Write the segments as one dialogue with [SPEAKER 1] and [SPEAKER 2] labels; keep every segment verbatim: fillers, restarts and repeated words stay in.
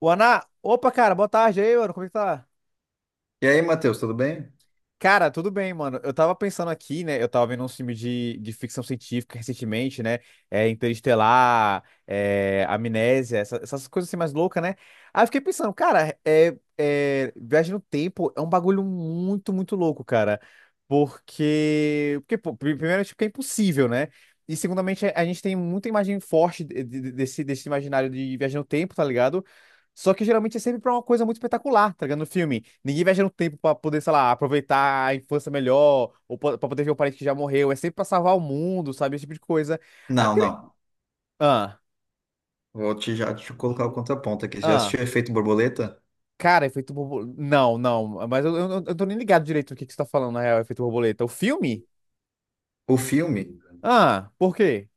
[SPEAKER 1] O Ana, opa, cara, boa tarde aí, mano. Como é que tá?
[SPEAKER 2] E aí, Matheus, tudo bem?
[SPEAKER 1] Cara, tudo bem, mano. Eu tava pensando aqui, né? Eu tava vendo um filme de, de ficção científica recentemente, né? É, Interestelar, é, Amnésia, essa- essas coisas assim mais loucas, né? Aí eu fiquei pensando, cara, é, é, viagem no tempo é um bagulho muito, muito louco, cara. Porque, porque pô, pri- primeiro, tipo, que é impossível, né? E, segundamente, a a gente tem muita imagem forte de- de- desse, desse imaginário de viagem no tempo, tá ligado? Só que geralmente é sempre pra uma coisa muito espetacular, tá ligado? No filme. Ninguém viaja no tempo pra poder, sei lá, aproveitar a infância melhor, ou po- pra poder ver um parente que já morreu. É sempre pra salvar o mundo, sabe? Esse tipo de coisa. Aí eu
[SPEAKER 2] Não,
[SPEAKER 1] queria...
[SPEAKER 2] não.
[SPEAKER 1] Ah,
[SPEAKER 2] Vou te já te colocar o contraponto aqui. Já
[SPEAKER 1] ah.
[SPEAKER 2] assistiu Efeito Borboleta?
[SPEAKER 1] Cara, efeito borboleta. Não, não. Mas eu, eu, eu tô nem ligado direito do que, que você tá falando, na real, efeito borboleta. O filme?
[SPEAKER 2] O filme?
[SPEAKER 1] Ah, por quê?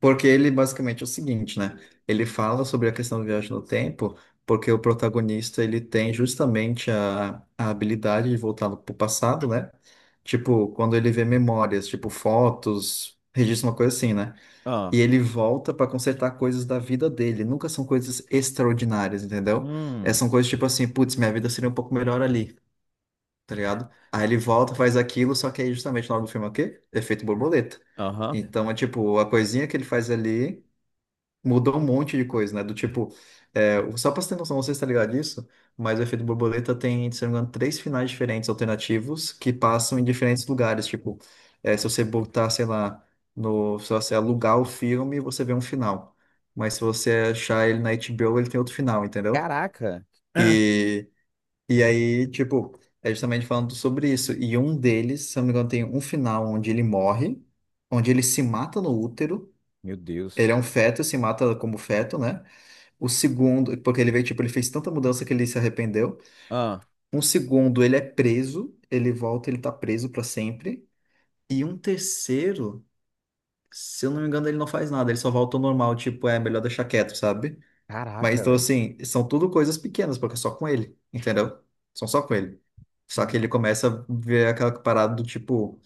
[SPEAKER 2] Porque ele basicamente é o seguinte, né? Ele fala sobre a questão do viagem no tempo, porque o protagonista ele tem justamente a, a habilidade de voltar para o passado, né? Tipo, quando ele vê memórias, tipo fotos, registro uma coisa assim, né? E
[SPEAKER 1] Ah.
[SPEAKER 2] ele volta para consertar coisas da vida dele. Nunca são coisas extraordinárias, entendeu? É,
[SPEAKER 1] Hum.
[SPEAKER 2] são coisas tipo assim, putz, minha vida seria um pouco melhor ali, tá ligado? Aí ele volta, faz aquilo, só que aí justamente o nome do filme é o quê? Efeito borboleta.
[SPEAKER 1] Aham.
[SPEAKER 2] Então é tipo, a coisinha que ele faz ali mudou um monte de coisa, né? Do tipo, é, o- só pra você ter noção, não sei se tá ligado disso, mas o efeito borboleta tem, se não me engano, três finais diferentes alternativos que passam em diferentes lugares. Tipo, é, se você botar, sei lá, no, se você alugar o filme, você vê um final. Mas se você achar ele na HBO, ele tem outro final, entendeu?
[SPEAKER 1] Caraca.
[SPEAKER 2] e e aí, tipo, é justamente falando sobre isso. E um deles, se eu não me engano, tem um final onde ele morre, onde ele se mata no útero.
[SPEAKER 1] Meu
[SPEAKER 2] Ele
[SPEAKER 1] Deus.
[SPEAKER 2] é um feto, se mata como feto, né? O segundo, porque ele veio, tipo, ele fez tanta mudança que ele se arrependeu.
[SPEAKER 1] Ah.
[SPEAKER 2] Um segundo, ele é preso, ele volta, ele tá preso pra sempre. E um terceiro, se eu não me engano, ele não faz nada, ele só volta ao normal, tipo, é melhor deixar quieto, sabe? Mas
[SPEAKER 1] Caraca,
[SPEAKER 2] então,
[SPEAKER 1] velho.
[SPEAKER 2] assim, são tudo coisas pequenas, porque é só com ele, entendeu? São só com ele. Só que ele começa a ver aquela parada do tipo,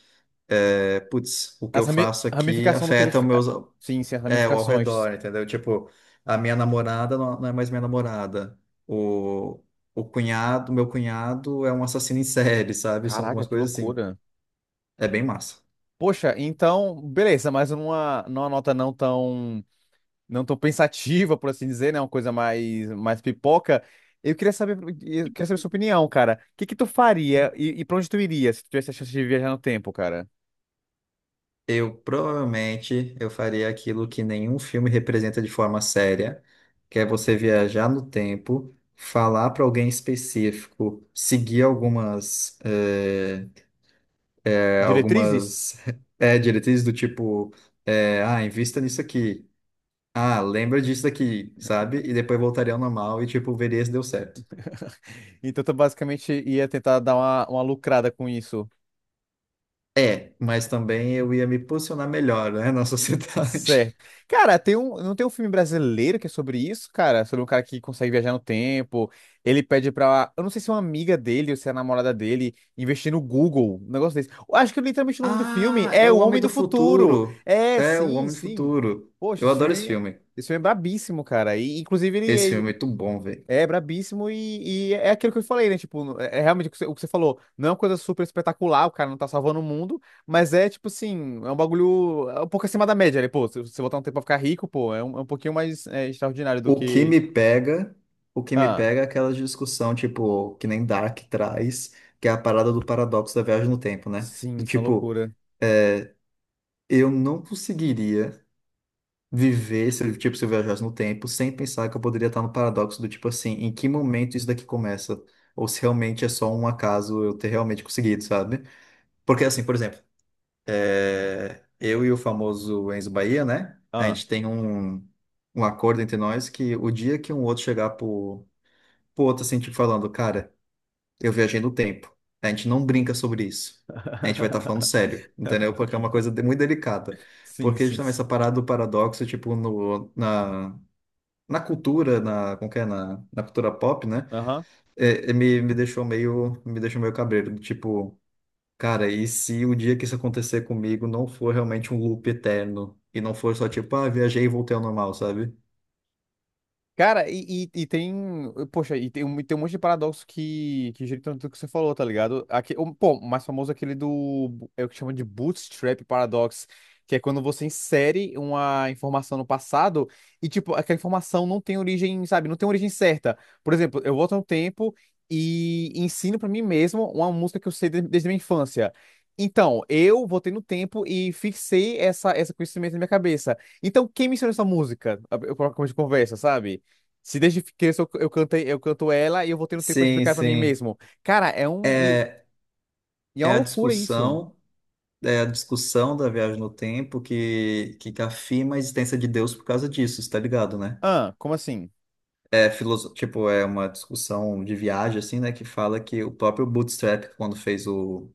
[SPEAKER 2] é, putz, o que
[SPEAKER 1] As
[SPEAKER 2] eu
[SPEAKER 1] rami-
[SPEAKER 2] faço aqui
[SPEAKER 1] ramificação do que ele.
[SPEAKER 2] afeta o
[SPEAKER 1] Fe-
[SPEAKER 2] meus,
[SPEAKER 1] Sim, sim, as
[SPEAKER 2] é, o ao
[SPEAKER 1] ramificações.
[SPEAKER 2] redor, entendeu? Tipo, a minha namorada não, não é mais minha namorada. O, o cunhado, meu cunhado é um assassino em série, sabe? São
[SPEAKER 1] Caraca,
[SPEAKER 2] algumas
[SPEAKER 1] que
[SPEAKER 2] coisas assim.
[SPEAKER 1] loucura.
[SPEAKER 2] É bem massa.
[SPEAKER 1] Poxa, então, beleza, mas numa, numa nota não tão, não tão pensativa, por assim dizer, né? Uma coisa mais, mais pipoca. Eu queria saber, eu queria saber sua opinião, cara. O que que tu faria e, e pra onde tu iria se tu tivesse a chance de viajar no tempo, cara?
[SPEAKER 2] Eu provavelmente eu faria aquilo que nenhum filme representa de forma séria, que é você viajar no tempo, falar para alguém específico, seguir algumas eh, eh,
[SPEAKER 1] Diretrizes?
[SPEAKER 2] algumas eh, diretrizes do tipo eh, ah, invista nisso aqui, ah, lembra disso aqui, sabe? E depois voltaria ao normal e tipo veria se deu certo.
[SPEAKER 1] Então tu basicamente ia tentar dar uma, uma lucrada com isso.
[SPEAKER 2] É, mas também eu ia me posicionar melhor, né, na sociedade.
[SPEAKER 1] Certo. Cara, tem um, não tem um filme brasileiro que é sobre isso, cara? Sobre um cara que consegue viajar no tempo. Ele pede pra. Eu não sei se é uma amiga dele ou se é a namorada dele investir no Google, um negócio desse. Eu acho que é literalmente o nome do filme
[SPEAKER 2] Ah, é
[SPEAKER 1] é
[SPEAKER 2] o
[SPEAKER 1] O
[SPEAKER 2] Homem
[SPEAKER 1] Homem
[SPEAKER 2] do
[SPEAKER 1] do Futuro.
[SPEAKER 2] Futuro.
[SPEAKER 1] É,
[SPEAKER 2] É o
[SPEAKER 1] sim,
[SPEAKER 2] Homem do
[SPEAKER 1] sim.
[SPEAKER 2] Futuro.
[SPEAKER 1] Poxa,
[SPEAKER 2] Eu
[SPEAKER 1] esse
[SPEAKER 2] adoro esse
[SPEAKER 1] filme,
[SPEAKER 2] filme.
[SPEAKER 1] esse filme é brabíssimo, cara. E, inclusive,
[SPEAKER 2] Esse
[SPEAKER 1] ele,
[SPEAKER 2] filme é muito bom, velho.
[SPEAKER 1] é brabíssimo e, e é aquilo que eu falei, né? Tipo, no- é é realmente o que você o que você falou. Não é uma coisa super espetacular, o cara não tá salvando o mundo, mas é tipo assim, é um bagulho é um pouco acima da média, né? Pô, se você botar um tempo pra ficar rico, pô, é um, é um pouquinho mais é, extraordinário do
[SPEAKER 2] O que
[SPEAKER 1] que.
[SPEAKER 2] me pega, o que me
[SPEAKER 1] Ah,
[SPEAKER 2] pega é aquela discussão, tipo, que nem Dark traz, que é a parada do paradoxo da viagem no tempo, né?
[SPEAKER 1] sim,
[SPEAKER 2] Do
[SPEAKER 1] isso é uma
[SPEAKER 2] tipo,
[SPEAKER 1] loucura.
[SPEAKER 2] eu não conseguiria viver se, eu- tipo, se eu viajasse no tempo sem pensar que eu poderia estar no paradoxo do tipo assim, em que momento isso daqui começa? Ou se realmente é só um acaso eu ter realmente conseguido, sabe? Porque assim, por exemplo, É, eu e o famoso Enzo Bahia, né? A
[SPEAKER 1] Ah,
[SPEAKER 2] gente tem um, um acordo entre nós que o dia que um outro chegar pro, pro outro assim, tipo, falando, cara, eu viajei no tempo. A gente não brinca sobre isso. A gente vai estar falando sério, entendeu? Porque é uma coisa de- muito delicada.
[SPEAKER 1] sim,
[SPEAKER 2] Porque
[SPEAKER 1] sim.
[SPEAKER 2] justamente
[SPEAKER 1] Sim.
[SPEAKER 2] essa parada do paradoxo, tipo, no, na, na cultura, na, como que é? Na, na cultura pop, né?
[SPEAKER 1] Aham.
[SPEAKER 2] É, é, me, me deixou meio, me deixou meio cabreiro. Tipo, cara, e se o dia que isso acontecer comigo não for realmente um loop eterno e não for só tipo, ah, viajei e voltei ao normal, sabe?
[SPEAKER 1] Cara, e, e, e tem. Poxa, e tem, um- tem um monte de paradoxo que, que gira em torno do que você falou, tá ligado? Aqui, o- pô, o mais famoso é aquele do. É o que chama de Bootstrap Paradox, que é quando você insere uma informação no passado e, tipo, aquela informação não tem origem, sabe? Não tem origem certa. Por exemplo, eu volto no tempo e ensino pra mim mesmo uma música que eu sei de- desde a minha infância. Então, eu voltei no tempo e fixei essa, esse conhecimento na minha cabeça. Então, quem me ensinou essa música? Eu coloco de conversa, sabe? Se desde criança eu, eu cantei, eu canto ela e eu vou tendo tempo pra
[SPEAKER 2] Sim,
[SPEAKER 1] explicar pra mim
[SPEAKER 2] sim.
[SPEAKER 1] mesmo. Cara, é um. E,
[SPEAKER 2] É,
[SPEAKER 1] e é
[SPEAKER 2] é
[SPEAKER 1] uma
[SPEAKER 2] a
[SPEAKER 1] loucura isso.
[SPEAKER 2] discussão, é a discussão da viagem no tempo que, que afirma a existência de Deus por causa disso, tá ligado, né?
[SPEAKER 1] Ah, como assim?
[SPEAKER 2] É filoso... tipo, é uma discussão de viagem, assim, né, que fala que o próprio Bootstrap, quando fez o...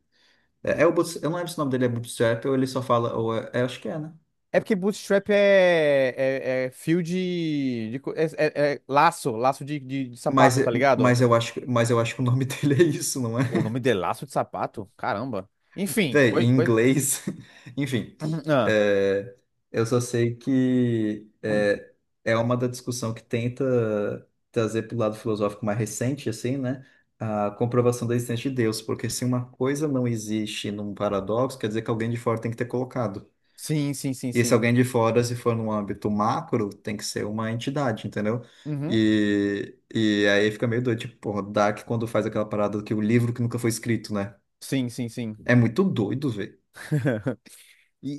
[SPEAKER 2] É, é o Boots- Eu não lembro se o nome dele é Bootstrap ou ele só fala... Ou é... é, acho que é, né?
[SPEAKER 1] É porque bootstrap é, é, é fio de, de co- é, é- é laço, laço de, de, de
[SPEAKER 2] Mas,
[SPEAKER 1] sapato, tá ligado?
[SPEAKER 2] mas, eu acho, que- mas eu acho que o nome dele é isso, não é?
[SPEAKER 1] O nome de laço de sapato? Caramba. Enfim,
[SPEAKER 2] Véi,
[SPEAKER 1] coi,
[SPEAKER 2] em
[SPEAKER 1] coi...
[SPEAKER 2] inglês, enfim,
[SPEAKER 1] Ah,
[SPEAKER 2] é, eu só sei que é, é uma da discussão que tenta trazer para o lado filosófico mais recente, assim, né? A comprovação da existência de Deus, porque se uma coisa não existe num paradoxo, quer dizer que alguém de fora tem que ter colocado.
[SPEAKER 1] sim, sim, sim,
[SPEAKER 2] E se
[SPEAKER 1] sim.
[SPEAKER 2] alguém de fora, se for num âmbito macro, tem que ser uma entidade, entendeu?
[SPEAKER 1] Uhum.
[SPEAKER 2] E, e aí fica meio doido, tipo, porra, Dark quando faz aquela parada que o livro que nunca foi escrito, né?
[SPEAKER 1] Sim, sim, sim.
[SPEAKER 2] É muito doido, velho.
[SPEAKER 1] E,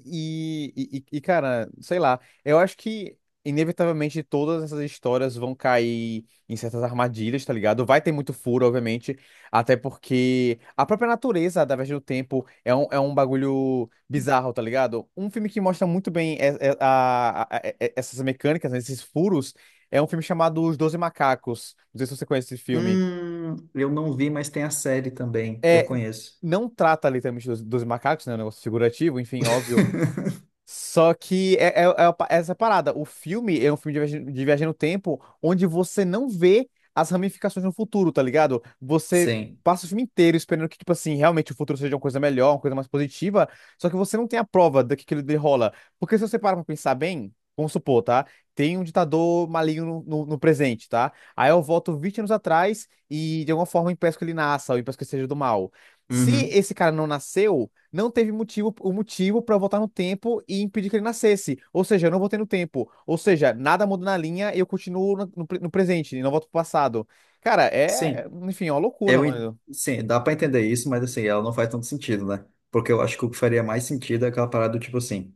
[SPEAKER 1] e, e, e, cara, sei lá, eu acho que inevitavelmente todas essas histórias vão cair em certas armadilhas, tá ligado? Vai ter muito furo, obviamente, até porque a própria natureza da viagem do tempo é um, é um bagulho bizarro, tá ligado? Um filme que mostra muito bem e- e- a- a- e- e- essas mecânicas, né, esses furos, é um filme chamado Os Doze Macacos. Não sei se você conhece esse filme.
[SPEAKER 2] Hum, eu não vi, mas tem a série também. Eu
[SPEAKER 1] É,
[SPEAKER 2] conheço.
[SPEAKER 1] não trata literalmente dos, dos macacos, né? É um negócio figurativo, enfim, óbvio. Só que é, é- é a pa- essa parada. O filme é um filme de viagem, de viagem no tempo onde você não vê as ramificações no futuro, tá ligado? Você
[SPEAKER 2] Sim.
[SPEAKER 1] passa o filme inteiro esperando que, tipo assim, realmente o futuro seja uma coisa melhor, uma coisa mais positiva, só que você não tem a prova do que aquilo ali rola. Porque se você para pra pensar bem, vamos supor, tá? Tem um ditador maligno no, no- no presente, tá? Aí eu volto vinte anos atrás e de alguma forma impeço que ele nasça ou impeço que ele seja do mal. Se
[SPEAKER 2] Uhum.
[SPEAKER 1] esse cara não nasceu não teve motivo, o motivo para eu voltar no tempo e impedir que ele nascesse. Ou seja, eu não voltei no tempo. Ou seja, nada muda na linha e eu continuo no, no pre- no presente e não volto pro passado. Cara, é,
[SPEAKER 2] Sim.
[SPEAKER 1] enfim, é uma loucura,
[SPEAKER 2] Eu, en-
[SPEAKER 1] mano.
[SPEAKER 2] sim, dá pra entender isso, mas assim, ela não faz tanto sentido, né? Porque eu acho que o que faria mais sentido é aquela parada do tipo assim.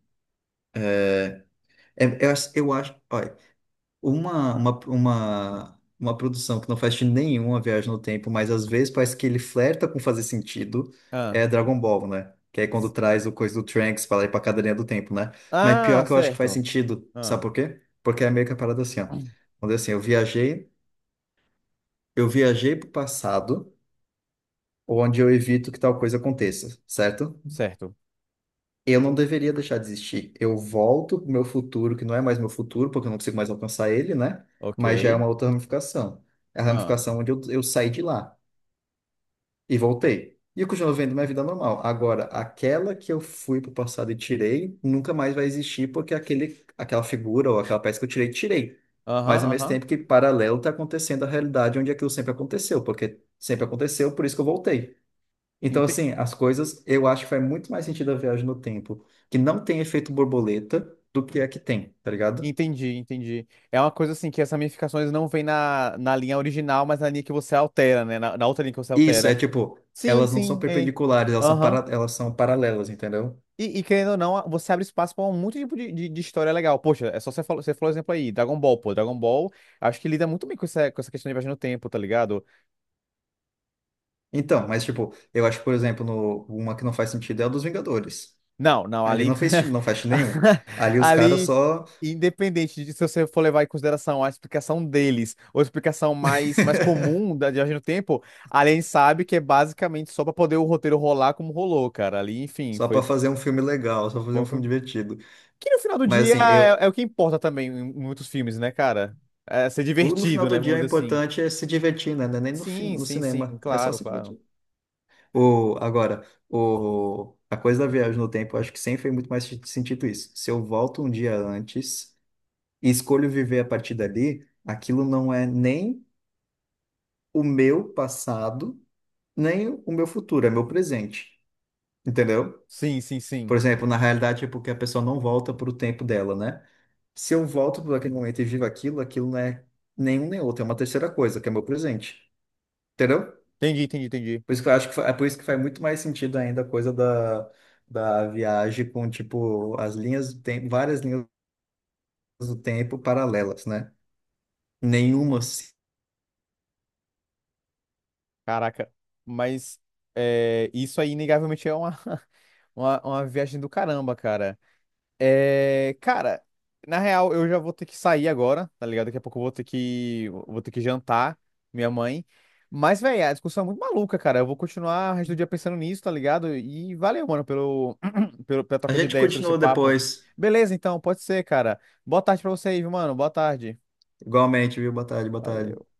[SPEAKER 2] é- eu, acho- eu acho. Ó, Uma, uma, uma, uma produção que não faz sentido nenhum a viagem no tempo, mas às vezes parece que ele flerta com fazer sentido,
[SPEAKER 1] Ah,
[SPEAKER 2] é Dragon Ball, né? Que é quando traz o coisa do Trunks pra lá e pra cadeirinha do tempo, né? Mas pior
[SPEAKER 1] ah,
[SPEAKER 2] que eu acho que faz
[SPEAKER 1] certo.
[SPEAKER 2] sentido, sabe
[SPEAKER 1] Ah,
[SPEAKER 2] por quê? Porque é meio que a parada assim, ó. Quando é assim, eu viajei, eu viajei pro passado, onde eu evito que tal coisa aconteça, certo?
[SPEAKER 1] certo.
[SPEAKER 2] Eu não deveria deixar de existir. Eu volto pro meu futuro, que não é mais meu futuro, porque eu não consigo mais alcançar ele, né?
[SPEAKER 1] Ok.
[SPEAKER 2] Mas já é uma outra ramificação. É a
[SPEAKER 1] Ah,
[SPEAKER 2] ramificação onde eu, eu saí de lá e voltei. E eu continuo vivendo minha vida normal. Agora, aquela que eu fui pro passado e tirei, nunca mais vai existir, porque aquele, aquela figura ou aquela peça que eu tirei, tirei.
[SPEAKER 1] aham,
[SPEAKER 2] Mas ao mesmo
[SPEAKER 1] aham.
[SPEAKER 2] tempo que paralelo está acontecendo a realidade onde aquilo sempre aconteceu, porque sempre aconteceu, por isso que eu voltei. Então,
[SPEAKER 1] Ente-
[SPEAKER 2] assim, as coisas, eu acho que faz muito mais sentido a viagem no tempo, que não tem efeito borboleta, do que a que tem, tá ligado?
[SPEAKER 1] Entendi, entendi. É uma coisa assim que essas ramificações não vêm na, na linha original, mas na linha que você altera, né? Na, na outra linha que você
[SPEAKER 2] Isso, é
[SPEAKER 1] altera.
[SPEAKER 2] tipo,
[SPEAKER 1] Sim,
[SPEAKER 2] elas não são
[SPEAKER 1] sim. É.
[SPEAKER 2] perpendiculares, elas são, para,
[SPEAKER 1] Aham.
[SPEAKER 2] elas são paralelas, entendeu?
[SPEAKER 1] E, e querendo ou não, você abre espaço para muito tipo de, de, de história legal. Poxa, é só você falou, você falou exemplo aí, Dragon Ball, pô. Dragon Ball, acho que lida muito bem com essa, com essa questão de viagem no tempo, tá ligado?
[SPEAKER 2] Então, mas tipo, eu acho que, por exemplo, no, uma que não faz sentido é a dos Vingadores.
[SPEAKER 1] Não, não,
[SPEAKER 2] Ali
[SPEAKER 1] ali.
[SPEAKER 2] não fez, não faz sentido nenhum. Ali os caras
[SPEAKER 1] Ali,
[SPEAKER 2] só,
[SPEAKER 1] independente de se você for levar em consideração a explicação deles, ou a explicação mais, mais comum da viagem no tempo, ali a gente sabe que é basicamente só para poder o roteiro rolar como rolou, cara. Ali, enfim,
[SPEAKER 2] só para
[SPEAKER 1] foi.
[SPEAKER 2] fazer um filme legal, só fazer um filme divertido.
[SPEAKER 1] Que no final do
[SPEAKER 2] Mas
[SPEAKER 1] dia
[SPEAKER 2] assim, eu,
[SPEAKER 1] é, é o que importa também em muitos filmes, né, cara? É ser
[SPEAKER 2] o- no final
[SPEAKER 1] divertido, né?
[SPEAKER 2] do dia
[SPEAKER 1] Vamos
[SPEAKER 2] o
[SPEAKER 1] dizer assim.
[SPEAKER 2] importante é se divertir, né? Não é nem no, fi-
[SPEAKER 1] Sim,
[SPEAKER 2] no
[SPEAKER 1] sim, sim,
[SPEAKER 2] cinema, é só
[SPEAKER 1] claro,
[SPEAKER 2] se
[SPEAKER 1] claro.
[SPEAKER 2] divertir. O, agora, o, a coisa da viagem no tempo, eu acho que sempre fez muito mais se- sentido isso. Se eu volto um dia antes e escolho viver a partir dali, aquilo não é nem o meu passado, nem o meu futuro, é meu presente. Entendeu?
[SPEAKER 1] Sim, sim,
[SPEAKER 2] Por
[SPEAKER 1] sim.
[SPEAKER 2] exemplo, na realidade é porque a pessoa não volta para o tempo dela, né? Se eu volto para aquele momento e vivo aquilo, aquilo não é nenhum nem outro, é uma terceira coisa, que é meu presente. Entendeu?
[SPEAKER 1] Entendi, entendi, entendi.
[SPEAKER 2] Por isso que eu acho que fa- é por isso que faz muito mais sentido ainda a coisa da, da viagem com, tipo, as linhas do tempo, várias linhas do tempo paralelas, né? Nenhuma. Se-
[SPEAKER 1] Caraca. Mas é, isso aí, inegavelmente, é uma, uma, uma viagem do caramba, cara. É, cara, na real, eu já vou ter que sair agora, tá ligado? Daqui a pouco eu vou ter que, vou ter que jantar minha mãe. Mas, velho, a discussão é muito maluca, cara. Eu vou continuar o resto do dia pensando nisso, tá ligado? E valeu, mano, pelo, pelo, pela
[SPEAKER 2] A
[SPEAKER 1] troca de
[SPEAKER 2] gente
[SPEAKER 1] ideias sobre esse
[SPEAKER 2] continua
[SPEAKER 1] papo.
[SPEAKER 2] depois.
[SPEAKER 1] Beleza, então, pode ser, cara. Boa tarde pra você aí, viu, mano? Boa tarde.
[SPEAKER 2] Igualmente, viu? Boa tarde, boa
[SPEAKER 1] Valeu.
[SPEAKER 2] tarde.